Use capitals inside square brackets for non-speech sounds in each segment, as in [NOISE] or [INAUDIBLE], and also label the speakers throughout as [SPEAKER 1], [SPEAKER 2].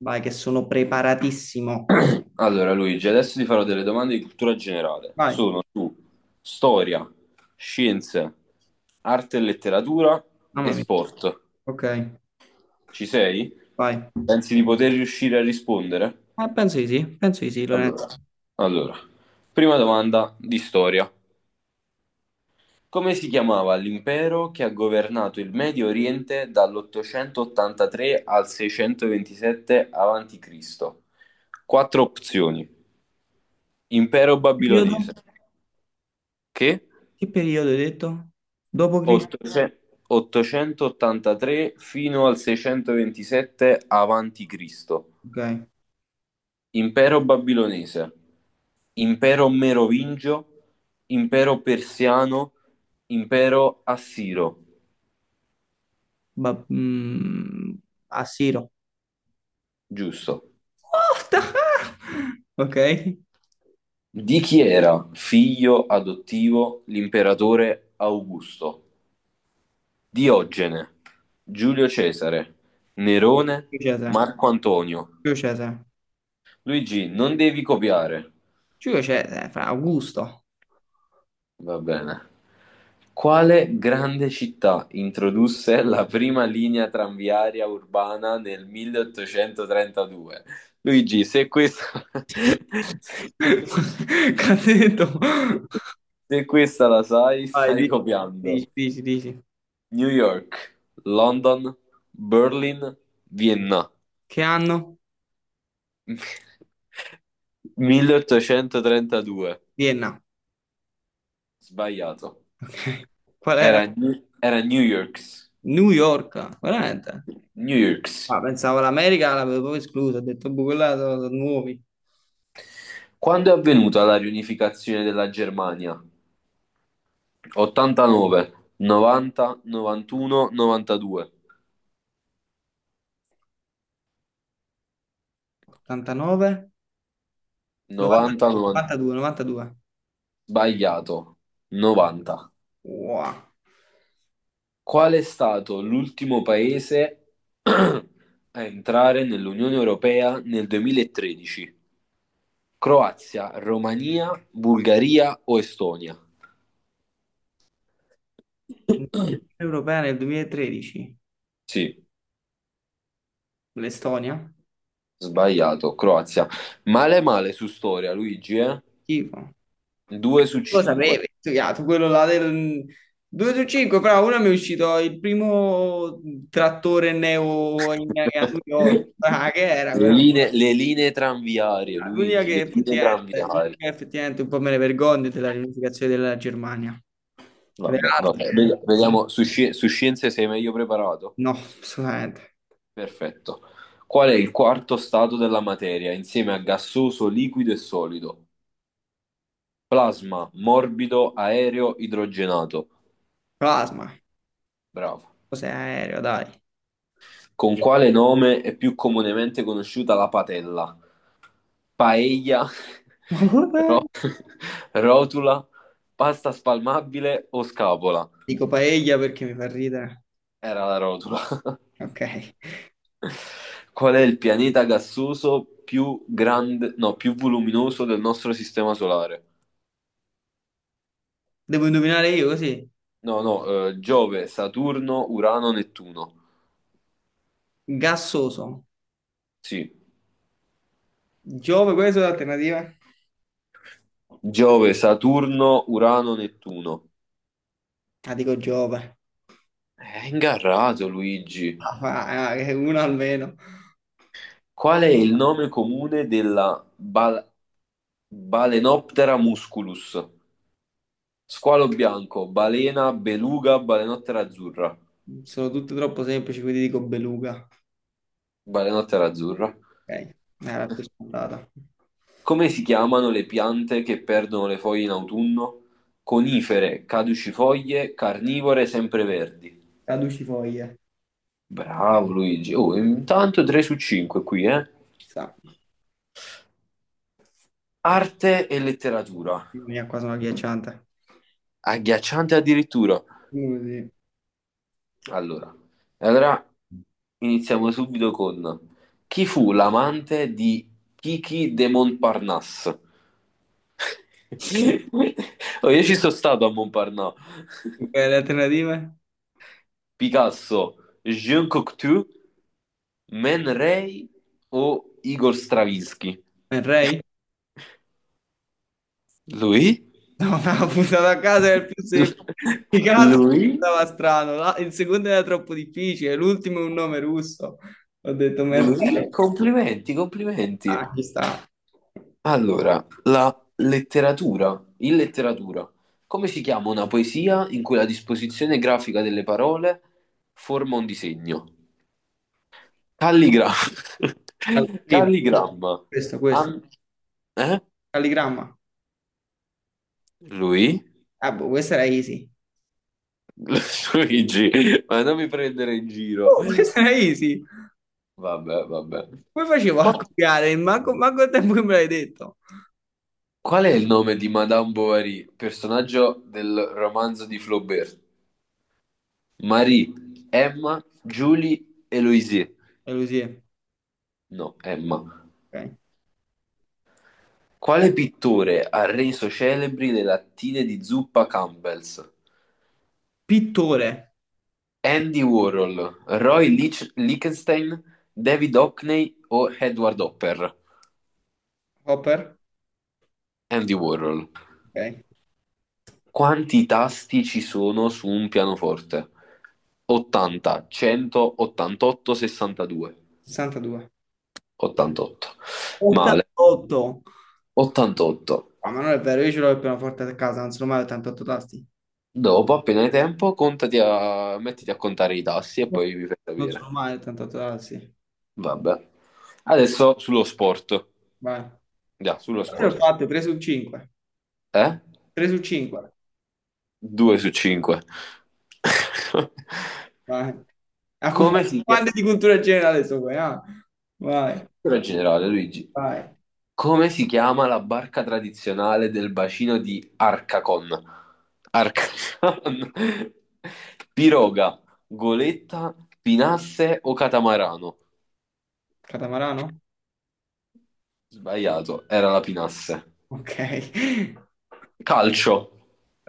[SPEAKER 1] Vai, che sono preparatissimo.
[SPEAKER 2] Allora, Luigi, adesso ti farò delle domande di cultura generale.
[SPEAKER 1] Vai,
[SPEAKER 2] Sono su storia, scienze, arte e letteratura e
[SPEAKER 1] mamma mia.
[SPEAKER 2] sport.
[SPEAKER 1] Ok,
[SPEAKER 2] Ci sei?
[SPEAKER 1] vai.
[SPEAKER 2] Pensi di poter riuscire a rispondere?
[SPEAKER 1] Penso di sì, penso di sì, Lorenzo.
[SPEAKER 2] Allora, allora, prima domanda di storia. Come si chiamava l'impero che ha governato il Medio Oriente dall'883 al 627 a.C.? Quattro opzioni. Impero
[SPEAKER 1] Che
[SPEAKER 2] babilonese.
[SPEAKER 1] periodo?
[SPEAKER 2] Che?
[SPEAKER 1] Che periodo hai detto? Dopo Cristo?
[SPEAKER 2] 800 883 fino al 627 avanti Cristo,
[SPEAKER 1] Ok.
[SPEAKER 2] impero babilonese, impero merovingio, impero persiano, impero assiro,
[SPEAKER 1] Ba- mm, Assiro.
[SPEAKER 2] giusto.
[SPEAKER 1] What the hell? [LAUGHS] Ok.
[SPEAKER 2] Di chi era figlio adottivo l'imperatore Augusto? Diogene, Giulio Cesare, Nerone,
[SPEAKER 1] Giulio Cesare.
[SPEAKER 2] Marco Antonio.
[SPEAKER 1] Giulio Cesare.
[SPEAKER 2] Luigi, non devi copiare.
[SPEAKER 1] Giulio Cesare, fra Augusto.
[SPEAKER 2] Va bene. Quale grande città introdusse la prima linea tranviaria urbana nel 1832? Luigi, se questa,
[SPEAKER 1] [LAUGHS]
[SPEAKER 2] [LAUGHS]
[SPEAKER 1] Che ha detto?
[SPEAKER 2] se questa la sai,
[SPEAKER 1] Vai,
[SPEAKER 2] stai
[SPEAKER 1] di-
[SPEAKER 2] copiando.
[SPEAKER 1] dici, dici, dici.
[SPEAKER 2] New York, London, Berlin, Vienna.
[SPEAKER 1] Che anno?
[SPEAKER 2] [LAUGHS] 1832.
[SPEAKER 1] Vienna.
[SPEAKER 2] Sbagliato.
[SPEAKER 1] Ok. Qual era?
[SPEAKER 2] Era, era New York.
[SPEAKER 1] New York, veramente.
[SPEAKER 2] New York.
[SPEAKER 1] Ah, pensavo l'America l'avevo proprio esclusa, ho detto, boh, quella sono, sono nuovi.
[SPEAKER 2] Quando è avvenuta la riunificazione della Germania? 89, 90, 91, 92,
[SPEAKER 1] 89,
[SPEAKER 2] 90,
[SPEAKER 1] 92,
[SPEAKER 2] 90
[SPEAKER 1] 92, 92.
[SPEAKER 2] sbagliato, 90.
[SPEAKER 1] Wow.
[SPEAKER 2] Qual è stato l'ultimo paese [CLEARS THROAT] a entrare nell'Unione Europea nel 2013? Croazia, Romania, Bulgaria o Estonia?
[SPEAKER 1] Unione
[SPEAKER 2] [CLEARS THROAT]
[SPEAKER 1] Europea nel 2013,
[SPEAKER 2] Sì,
[SPEAKER 1] l'Estonia.
[SPEAKER 2] sbagliato, Croazia. Male male su storia, Luigi, eh?
[SPEAKER 1] Schifo.
[SPEAKER 2] 2 su
[SPEAKER 1] Lo
[SPEAKER 2] 5.
[SPEAKER 1] sapevi, tu, ya, tu quello là del 2 su 5, fra uno mi è uscito il primo trattore a New York.
[SPEAKER 2] [LAUGHS]
[SPEAKER 1] Ah, che era
[SPEAKER 2] Le
[SPEAKER 1] quella
[SPEAKER 2] linee,
[SPEAKER 1] cosa?
[SPEAKER 2] le linee tranviarie, Luigi, le linee
[SPEAKER 1] L'unica
[SPEAKER 2] tranviarie.
[SPEAKER 1] che effettivamente un po' me ne vergogno è della riunificazione della Germania. Le
[SPEAKER 2] Vabbè,
[SPEAKER 1] altre?
[SPEAKER 2] vabbè. Vediamo, su scienze sei meglio preparato?
[SPEAKER 1] No, assolutamente.
[SPEAKER 2] Perfetto. Qual è il quarto stato della materia insieme a gassoso, liquido e solido? Plasma, morbido, aereo, idrogenato.
[SPEAKER 1] Plasma,
[SPEAKER 2] Bravo.
[SPEAKER 1] cos'è aereo, dai. [LAUGHS]
[SPEAKER 2] Con quale nome è più comunemente conosciuta la patella? Paella,
[SPEAKER 1] Ma guarda,
[SPEAKER 2] [LAUGHS] ro- [LAUGHS] rotula, pasta spalmabile o scapola?
[SPEAKER 1] dico paella perché mi fa ridere.
[SPEAKER 2] Era la rotula.
[SPEAKER 1] Ok.
[SPEAKER 2] Qual è il pianeta gassoso più grande, no, più voluminoso del nostro sistema solare?
[SPEAKER 1] Devo indovinare io così.
[SPEAKER 2] No, no, Giove, Saturno, Urano, Nettuno.
[SPEAKER 1] Gassoso.
[SPEAKER 2] Sì,
[SPEAKER 1] Giove, queste sono le alternative?
[SPEAKER 2] Giove, Saturno, Urano, Nettuno.
[SPEAKER 1] Ah, dico Giove.
[SPEAKER 2] È ingarrato, Luigi.
[SPEAKER 1] Ah, che una almeno.
[SPEAKER 2] Qual è il nome comune della Balenoptera musculus? Squalo bianco, balena, beluga, balenottera azzurra.
[SPEAKER 1] Sono tutte troppo semplici, quindi dico beluga.
[SPEAKER 2] Balenottera azzurra.
[SPEAKER 1] Ok, era più scontata.
[SPEAKER 2] Come si chiamano le piante che perdono le foglie in autunno? Conifere, caducifoglie, carnivore, sempreverdi.
[SPEAKER 1] Caducifoglie.
[SPEAKER 2] Bravo Luigi. Oh, intanto 3 su 5 qui, eh.
[SPEAKER 1] Ci sta.
[SPEAKER 2] Arte e letteratura.
[SPEAKER 1] Mia, qua sono agghiacciante.
[SPEAKER 2] Agghiacciante addirittura.
[SPEAKER 1] Così.
[SPEAKER 2] Allora, allora, iniziamo subito con chi fu l'amante di Kiki de Montparnasse? [LAUGHS] Oh, io ci sono stato a Montparnasse.
[SPEAKER 1] Ok, le alternative?
[SPEAKER 2] Picasso, Jean Cocteau, Man Ray o Igor Stravinsky?
[SPEAKER 1] Ray?
[SPEAKER 2] Lui?
[SPEAKER 1] Una puntata [LAUGHS] a casa è il più semplice. I
[SPEAKER 2] [LAUGHS]
[SPEAKER 1] casi
[SPEAKER 2] Lui?
[SPEAKER 1] sembrava strano, il secondo era troppo difficile, l'ultimo è un nome russo. Ho detto Merlei.
[SPEAKER 2] Lui? Complimenti, complimenti.
[SPEAKER 1] Ah, ci sta.
[SPEAKER 2] Allora, in letteratura, come si chiama una poesia in cui la disposizione grafica delle parole forma un disegno? Calligra-
[SPEAKER 1] Ah, il
[SPEAKER 2] [LAUGHS]
[SPEAKER 1] primo.
[SPEAKER 2] Calligramma.
[SPEAKER 1] Questo, questo.
[SPEAKER 2] Am- eh?
[SPEAKER 1] Calligramma.
[SPEAKER 2] Lui?
[SPEAKER 1] Ah, boh, questa era easy.
[SPEAKER 2] [LAUGHS] Luigi, ma non mi prendere in giro.
[SPEAKER 1] Oh, [LAUGHS] questa era easy.
[SPEAKER 2] Vabbè, vabbè.
[SPEAKER 1] Come facevo a copiare? Manco, manco il tempo che me l'hai detto.
[SPEAKER 2] Qual è il nome di Madame Bovary, personaggio del romanzo di Flaubert? Marie, Emma, Julie, Eloise.
[SPEAKER 1] Elusie.
[SPEAKER 2] No, Emma.
[SPEAKER 1] Ok.
[SPEAKER 2] Quale pittore ha reso celebri le lattine di zuppa Campbell's?
[SPEAKER 1] Pittore.
[SPEAKER 2] Andy Warhol, Roy Lichtenstein, David Hockney o Edward Hopper?
[SPEAKER 1] Hopper.
[SPEAKER 2] Andy Warhol.
[SPEAKER 1] Ok.
[SPEAKER 2] Quanti tasti ci sono su un pianoforte? 80, 100, 88, 62.
[SPEAKER 1] 62.
[SPEAKER 2] 88. Male.
[SPEAKER 1] 88.
[SPEAKER 2] 88.
[SPEAKER 1] Ah, ma non è vero, io ce l'ho il pianoforte a casa, non sono mai 88 tasti.
[SPEAKER 2] Dopo, appena hai tempo, mettiti a contare i tassi e poi mi fai
[SPEAKER 1] Non sono
[SPEAKER 2] sapere.
[SPEAKER 1] mai tanto totale, sì.
[SPEAKER 2] Vabbè. Adesso sullo sport.
[SPEAKER 1] Vai.
[SPEAKER 2] Già, sullo
[SPEAKER 1] Cosa ho
[SPEAKER 2] sport.
[SPEAKER 1] fatto? 3 su 5.
[SPEAKER 2] Eh?
[SPEAKER 1] 3 su 5.
[SPEAKER 2] 2 su 5. [LAUGHS]
[SPEAKER 1] Vai. Ah, fu-
[SPEAKER 2] Come si
[SPEAKER 1] Quante di
[SPEAKER 2] chiama?
[SPEAKER 1] cultura generale sono qua? Ah? Vai,
[SPEAKER 2] Cultura generale, Luigi.
[SPEAKER 1] vai.
[SPEAKER 2] Come si chiama la barca tradizionale del bacino di Arcacon? Arcacon. [LAUGHS] Piroga, goletta, pinasse o catamarano?
[SPEAKER 1] Catamarano?
[SPEAKER 2] Sbagliato, era la pinasse.
[SPEAKER 1] Ok. [LAUGHS]
[SPEAKER 2] Calcio.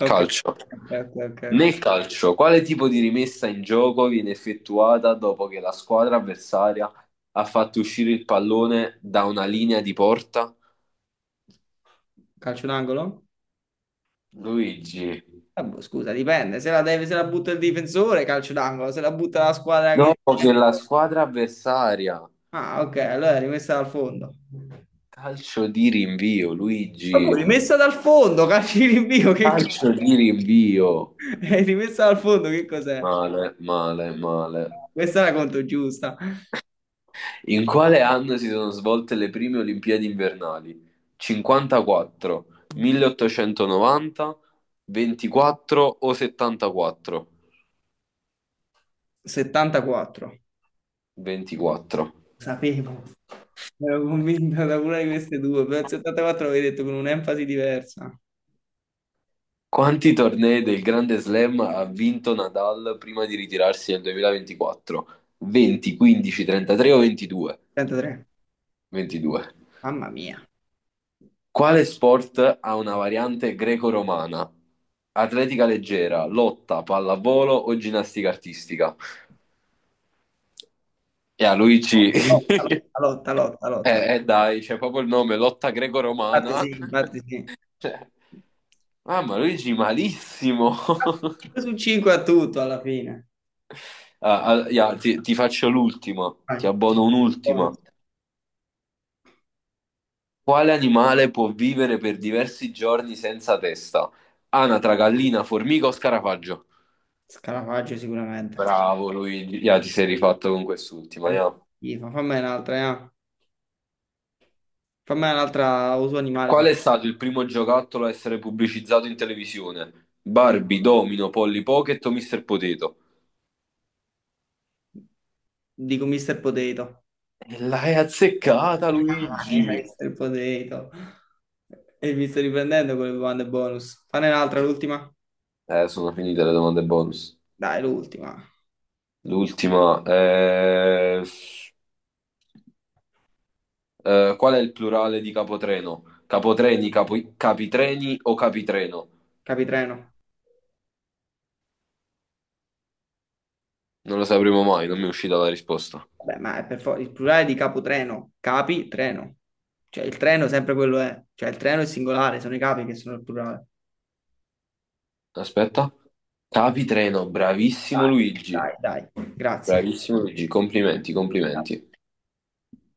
[SPEAKER 1] Ok.
[SPEAKER 2] Calcio.
[SPEAKER 1] Ok, ok, ok, ok.
[SPEAKER 2] Nel calcio, quale tipo di rimessa in gioco viene effettuata dopo che la squadra avversaria ha fatto uscire il pallone da una linea di porta?
[SPEAKER 1] Calcio d'angolo?
[SPEAKER 2] Luigi.
[SPEAKER 1] Ah, boh, scusa, dipende. Se la butta il difensore, calcio d'angolo. Se la butta la squadra
[SPEAKER 2] No,
[SPEAKER 1] che...
[SPEAKER 2] nella squadra avversaria.
[SPEAKER 1] Ah, ok, allora è rimessa dal fondo.
[SPEAKER 2] Calcio di rinvio,
[SPEAKER 1] Ma poi
[SPEAKER 2] Luigi.
[SPEAKER 1] rimessa dal fondo, calcio di rinvio, che cazzo?
[SPEAKER 2] Calcio di rinvio.
[SPEAKER 1] [LAUGHS] E rimessa al fondo, che cos'è?
[SPEAKER 2] Male, male, male.
[SPEAKER 1] Questa è la conto giusta.
[SPEAKER 2] In quale anno si sono svolte le prime Olimpiadi invernali? 54, 1890, 24 o 74?
[SPEAKER 1] 74.
[SPEAKER 2] 24.
[SPEAKER 1] Sapevo. Ero convinta da una di queste due, però il 74 l'avevi detto con un'enfasi diversa.
[SPEAKER 2] Quanti tornei del Grande Slam ha vinto Nadal prima di ritirarsi nel 2024? 20, 15, 33 o 22?
[SPEAKER 1] 33.
[SPEAKER 2] 22.
[SPEAKER 1] Mamma mia.
[SPEAKER 2] Quale sport ha una variante greco-romana? Atletica leggera, lotta, pallavolo o ginnastica artistica? E a Luigi,
[SPEAKER 1] Lotta, lotta, lotta,
[SPEAKER 2] [LAUGHS]
[SPEAKER 1] lotta.
[SPEAKER 2] eh, dai, c'è proprio il nome, lotta
[SPEAKER 1] Infatti
[SPEAKER 2] greco-romana.
[SPEAKER 1] sì,
[SPEAKER 2] [LAUGHS]
[SPEAKER 1] infatti sì.
[SPEAKER 2] Cioè, mamma, Luigi, malissimo. [LAUGHS]
[SPEAKER 1] Due su 5 a tutto alla fine.
[SPEAKER 2] Ah, ah, ya, ti faccio l'ultima, ti
[SPEAKER 1] Vai.
[SPEAKER 2] abbono
[SPEAKER 1] Bonus.
[SPEAKER 2] un'ultima. Quale animale può vivere per diversi giorni senza testa? Anatra, gallina, formica o scarafaggio?
[SPEAKER 1] Scarafaggio sicuramente.
[SPEAKER 2] Bravo Luigi, ya, ti sei rifatto con quest'ultima, ya.
[SPEAKER 1] Schifo. Fammene un'altra, eh. Fammene un'altra uso animale.
[SPEAKER 2] Qual è stato il primo giocattolo a essere pubblicizzato in televisione? Barbie, Domino, Polly Pocket o Mr. Potato?
[SPEAKER 1] Dico Mr. Potato.
[SPEAKER 2] E L'hai azzeccata,
[SPEAKER 1] Dai,
[SPEAKER 2] Luigi!
[SPEAKER 1] Mr. Potato. E mi sto riprendendo con le domande bonus. Fane un'altra, l'ultima?
[SPEAKER 2] Sono finite le domande bonus.
[SPEAKER 1] Dai, l'ultima.
[SPEAKER 2] L'ultima. Qual è il plurale di capotreno? Capotreni, capitreni o capitreno?
[SPEAKER 1] Capitreno.
[SPEAKER 2] Non lo sapremo mai, non mi è uscita la risposta.
[SPEAKER 1] Vabbè, ma è per forza il plurale di capotreno. Capitreno. Cioè, il treno sempre quello è. Cioè, il treno è singolare, sono i capi che sono il plurale.
[SPEAKER 2] Aspetta. Capitreno, bravissimo
[SPEAKER 1] Dai,
[SPEAKER 2] Luigi.
[SPEAKER 1] dai, dai. Grazie.
[SPEAKER 2] Bravissimo Luigi, complimenti, complimenti.